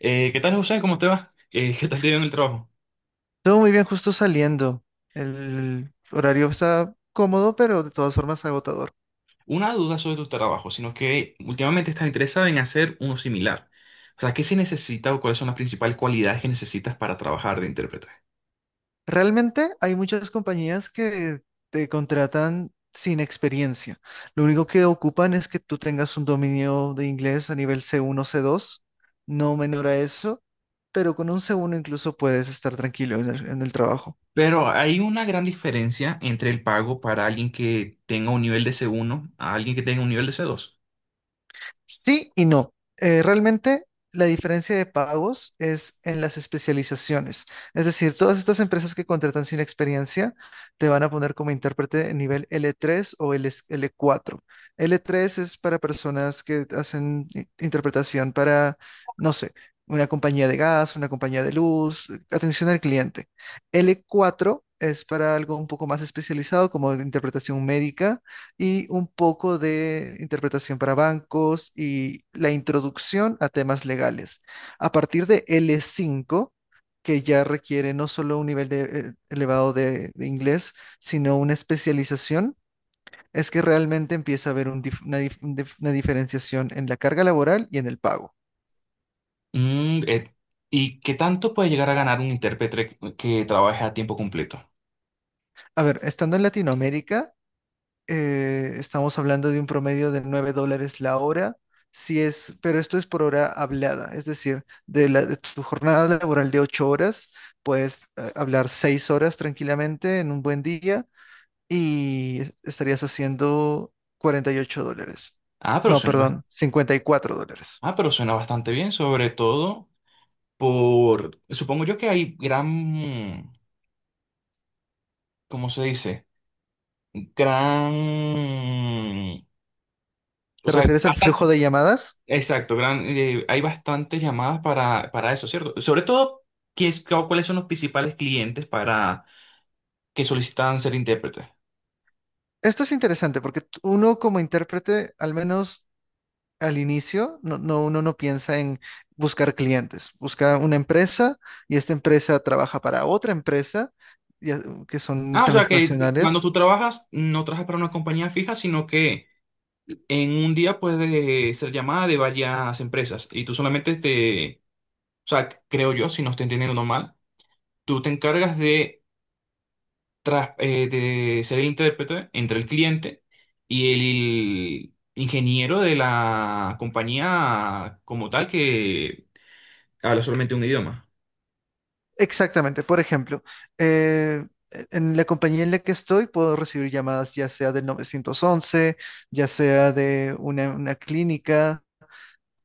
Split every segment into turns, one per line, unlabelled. ¿Qué tal, José? ¿Cómo te va? ¿Qué tal te ha ido en el trabajo?
Todo muy bien, justo saliendo. El horario está cómodo, pero de todas formas agotador.
Una duda sobre tu trabajo, sino que últimamente estás interesado en hacer uno similar. O sea, ¿qué se necesita o cuáles son las principales cualidades que necesitas para trabajar de intérprete?
Realmente hay muchas compañías que te contratan sin experiencia. Lo único que ocupan es que tú tengas un dominio de inglés a nivel C1, C2, no menor a eso, pero con un C1 incluso puedes estar tranquilo en en el trabajo.
Pero hay una gran diferencia entre el pago para alguien que tenga un nivel de C1 a alguien que tenga un nivel de C2.
Sí y no. Realmente la diferencia de pagos es en las especializaciones. Es decir, todas estas empresas que contratan sin experiencia te van a poner como intérprete de nivel L3 o L, L4. L3 es para personas que hacen interpretación para, no sé, una compañía de gas, una compañía de luz, atención al cliente. L4 es para algo un poco más especializado como interpretación médica y un poco de interpretación para bancos y la introducción a temas legales. A partir de L5, que ya requiere no solo un nivel elevado de inglés, sino una especialización, es que realmente empieza a haber un dif- una, dif- un dif- una diferenciación en la carga laboral y en el pago.
Mm, eh, ¿Y qué tanto puede llegar a ganar un intérprete que trabaje a tiempo completo?
A ver, estando en Latinoamérica, estamos hablando de un promedio de $9 la hora, si es, pero esto es por hora hablada, es decir, de tu jornada laboral de 8 horas, puedes hablar 6 horas tranquilamente en un buen día y estarías haciendo $48.
Ah, pero
No,
suena,
perdón, $54.
ah, pero suena bastante bien, sobre todo. Supongo yo que hay gran, ¿cómo se dice? Gran, o
¿Te
sea,
refieres al flujo
bastante,
de llamadas?
exacto, gran, hay bastantes llamadas para eso, ¿cierto? Sobre todo, ¿cuáles son los principales clientes para que solicitan ser intérpretes?
Esto es interesante porque uno como intérprete, al menos al inicio, uno no piensa en buscar clientes. Busca una empresa y esta empresa trabaja para otra empresa y, que son
Ah, o sea que cuando
transnacionales.
tú trabajas, no trabajas para una compañía fija, sino que en un día puede ser llamada de varias empresas y tú solamente te, o sea, creo yo, si no estoy entendiendo mal, tú te encargas de ser el intérprete entre el cliente y el ingeniero de la compañía como tal que habla solamente un idioma.
Exactamente. Por ejemplo, eh, en la compañía en la que estoy puedo recibir llamadas ya sea del 911, ya sea de una clínica.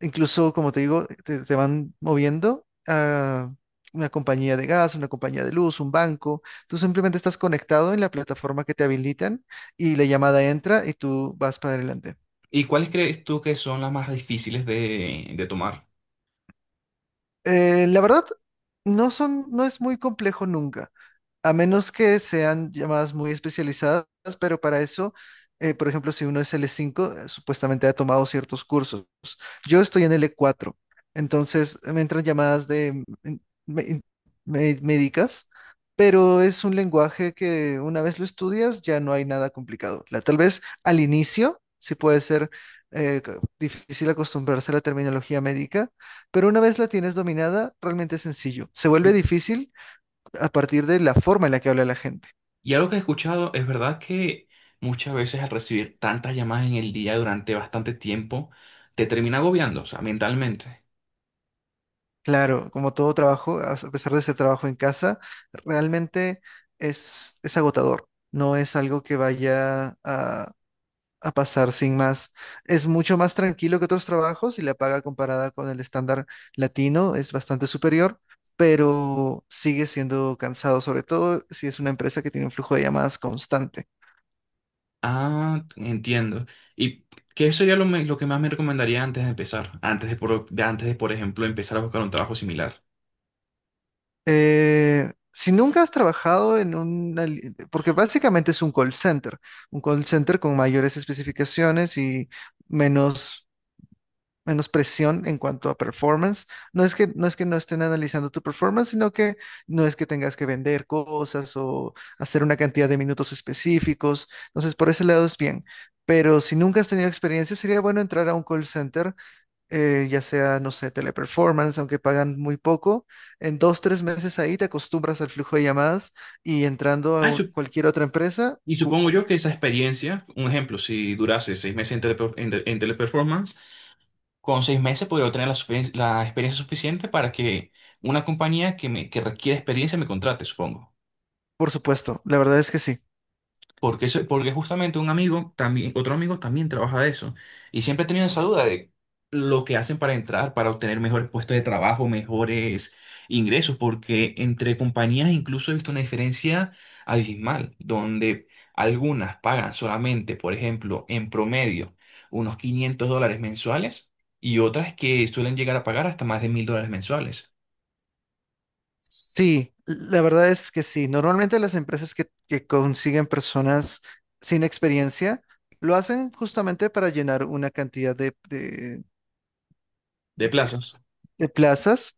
Incluso, como te digo, te van moviendo a una compañía de gas, una compañía de luz, un banco. Tú simplemente estás conectado en la plataforma que te habilitan y la llamada entra y tú vas para adelante.
¿Y cuáles crees tú que son las más difíciles de tomar?
La verdad, no es muy complejo nunca, a menos que sean llamadas muy especializadas, pero para eso, por ejemplo, si uno es L5, supuestamente ha tomado ciertos cursos. Yo estoy en L4, entonces me entran llamadas de mm, me- médicas, pero es un lenguaje que una vez lo estudias ya no hay nada complicado. La- tal vez al inicio sí puede ser difícil acostumbrarse a la terminología médica, pero una vez la tienes dominada, realmente es sencillo. Se vuelve
Y,
difícil a partir de la forma en la que habla la gente.
y algo que he escuchado, es verdad que muchas veces al recibir tantas llamadas en el día durante bastante tiempo, te termina agobiando, o sea, mentalmente.
Claro, como todo trabajo, a pesar de ser trabajo en casa, realmente es agotador. No es algo que vaya a pasar sin más. Es mucho más tranquilo que otros trabajos y la paga comparada con el estándar latino es bastante superior, pero sigue siendo cansado, sobre todo si es una empresa que tiene un flujo de llamadas constante.
Ah, entiendo. ¿Y qué sería lo que más me recomendaría antes de empezar? Antes de, por ejemplo, empezar a buscar un trabajo similar.
Si nunca has trabajado en un, porque básicamente es un call center con mayores especificaciones y menos, menos presión en cuanto a performance. No es que no estén analizando tu performance, sino que no es que tengas que vender cosas o hacer una cantidad de minutos específicos. Entonces, por ese lado es bien. Pero si nunca has tenido experiencia, sería bueno entrar a un call center, ya sea, no sé, teleperformance, aunque pagan muy poco. En dos, tres meses ahí te acostumbras al flujo de llamadas y entrando a
Ah, y, sup-
cualquier otra empresa,
y supongo yo que esa experiencia, un ejemplo, si durase 6 meses en teleperformance, con 6 meses podría obtener la experiencia suficiente para que una compañía que requiere experiencia me contrate, supongo.
por supuesto, la verdad es que sí.
Porque justamente un amigo también, otro amigo también trabaja de eso. Y siempre he tenido esa duda de lo que hacen para entrar, para obtener mejores puestos de trabajo, mejores ingresos, porque entre compañías incluso he visto una diferencia abismal, donde algunas pagan solamente, por ejemplo, en promedio, unos 500 dólares mensuales y otras que suelen llegar a pagar hasta más de 1000 dólares mensuales
Sí, la verdad es que sí. Normalmente las empresas que consiguen personas sin experiencia lo hacen justamente para llenar una cantidad
de
de-
plazos.
de plazas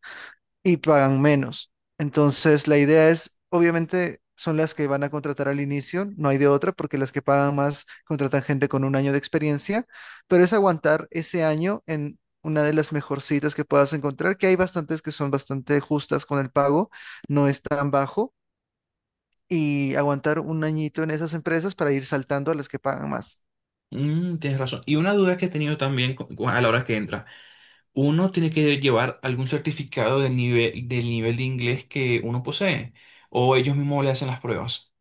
y pagan menos. Entonces, la idea es, obviamente, son las que van a contratar al inicio, no hay de otra, porque las que pagan más contratan gente con un año de experiencia, pero es aguantar ese año en una de las mejorcitas que puedas encontrar, que hay bastantes que son bastante justas con el pago, no es tan bajo, y aguantar un añito en esas empresas para ir saltando a las que pagan más.
Mm, tienes razón. Y una duda que he tenido también a la hora que entra. ¿Uno tiene que llevar algún certificado del nivel de inglés que uno posee? ¿O ellos mismos le hacen las pruebas?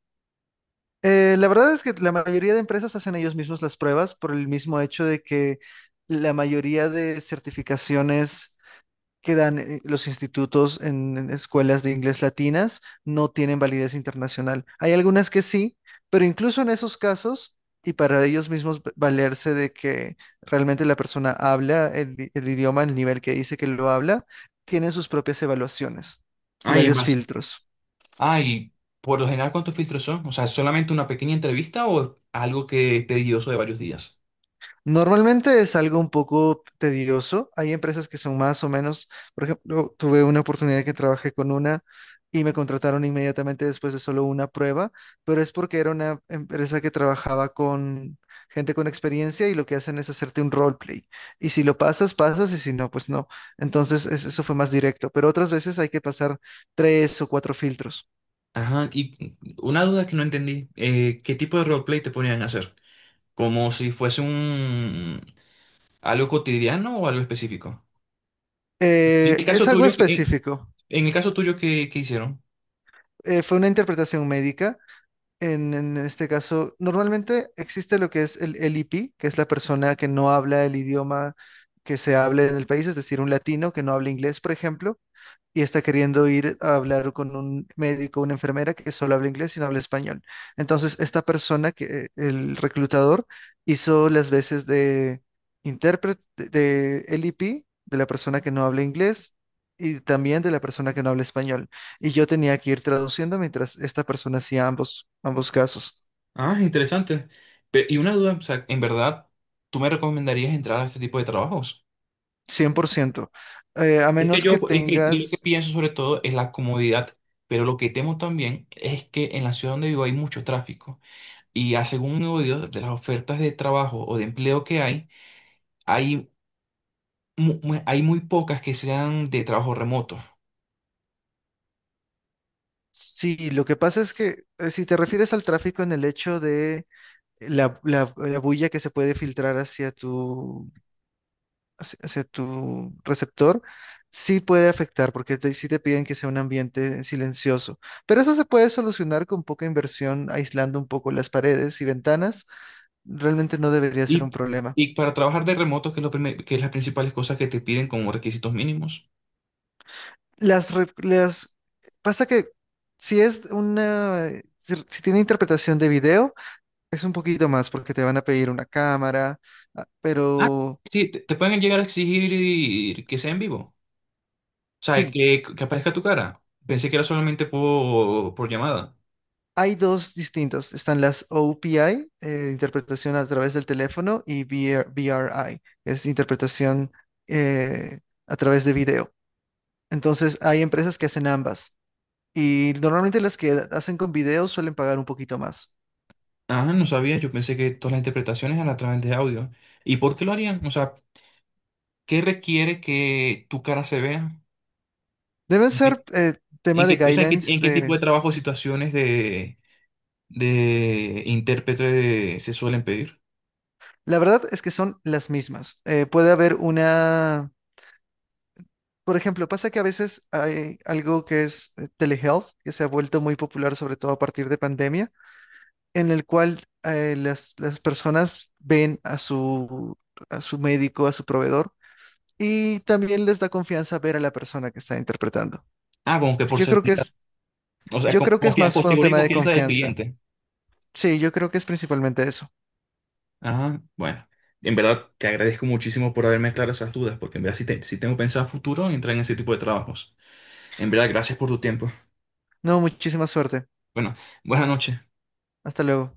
La verdad es que la mayoría de empresas hacen ellos mismos las pruebas por el mismo hecho de que la mayoría de certificaciones que dan los institutos en escuelas de inglés latinas no tienen validez internacional. Hay algunas que sí, pero incluso en esos casos, y para ellos mismos valerse de que realmente la persona habla el idioma, el nivel que dice que lo habla, tienen sus propias evaluaciones y
Ay, en
varios
base.
filtros.
Ay, por lo general, ¿cuántos filtros son? O sea, ¿solamente una pequeña entrevista o algo que es tedioso de varios días?
Normalmente es algo un poco tedioso. Hay empresas que son más o menos, por ejemplo, tuve una oportunidad que trabajé con una y me contrataron inmediatamente después de solo una prueba, pero es porque era una empresa que trabajaba con gente con experiencia y lo que hacen es hacerte un roleplay. Y si lo pasas, pasas y si no, pues no. Entonces eso fue más directo, pero otras veces hay que pasar tres o cuatro filtros.
Ajá, y una duda que no entendí. ¿Qué tipo de roleplay te ponían a hacer? ¿Como si fuese un algo cotidiano o algo específico? En el
Es
caso
algo
tuyo, ¿qué- en,
específico.
en el caso tuyo, ¿qué hicieron?
Fue una interpretación médica. En este caso, normalmente existe lo que es el LIP, que es la persona que no habla el idioma que se hable en el país, es decir, un latino que no habla inglés, por ejemplo, y está queriendo ir a hablar con un médico, una enfermera que solo habla inglés y no habla español. Entonces, esta persona, que el reclutador, hizo las veces de intérprete de LEP, de la persona que no habla inglés y también de la persona que no habla español. Y yo tenía que ir traduciendo mientras esta persona hacía ambos, ambos casos,
Ah, interesante. Y una duda, o sea, en verdad, ¿tú me recomendarías entrar a este tipo de trabajos?
100%. A
Es que
menos que
yo, es que lo que
tengas...
pienso sobre todo es la comodidad, pero lo que temo también es que en la ciudad donde vivo hay mucho tráfico y a según he oído de las ofertas de trabajo o de empleo que hay, hay muy pocas que sean de trabajo remoto.
Sí, lo que pasa es que si te refieres al tráfico en el hecho de la bulla que se puede filtrar hacia hacia tu receptor, sí puede afectar, porque sí te piden que sea un ambiente silencioso. Pero eso se puede solucionar con poca inversión, aislando un poco las paredes y ventanas. Realmente no debería ser un
Y,
problema.
y para trabajar de remoto, ¿que es las principales cosas que te piden como requisitos mínimos?
Las, re- las, Pasa que si es una, si, si tiene interpretación de video, es un poquito más, porque te van a pedir una cámara, ah,
Ah,
pero...
sí, te pueden llegar a exigir que sea en vivo. O sea,
Sí.
que aparezca tu cara. Pensé que era solamente por llamada.
Hay dos distintos. Están las OPI, interpretación a través del teléfono, y VR VRI, es interpretación, eh, a través de video. Entonces, hay empresas que hacen ambas. Y normalmente las que hacen con video suelen pagar un poquito más.
Ah, no sabía. Yo pensé que todas las interpretaciones eran a través de audio. ¿Y por qué lo harían? O sea, ¿qué requiere que tu cara se vea?
Deben
¿En
ser
qué,
tema
en
de
qué- o sea,
guidelines
en qué tipo
de...
de trabajo o situaciones de intérprete se suelen pedir?
La verdad es que son las mismas. Puede haber una... Por ejemplo, pasa que a veces hay algo que es, telehealth, que se ha vuelto muy popular, sobre todo a partir de pandemia, en el cual, las personas ven a a su médico, a su proveedor, y también les da confianza ver a la persona que está interpretando.
Ah, como que por
Yo creo que
seguridad.
es,
O sea,
yo creo que es más
con
por un
seguridad y
tema de
confianza del
confianza.
cliente.
Sí, yo creo que es principalmente eso.
Ajá, bueno, en verdad te agradezco muchísimo por haberme aclarado esas dudas, porque en verdad sí tengo pensado a futuro entrar en ese tipo de trabajos. En verdad, gracias por tu tiempo.
No, muchísima suerte.
Bueno, buenas noches.
Hasta luego.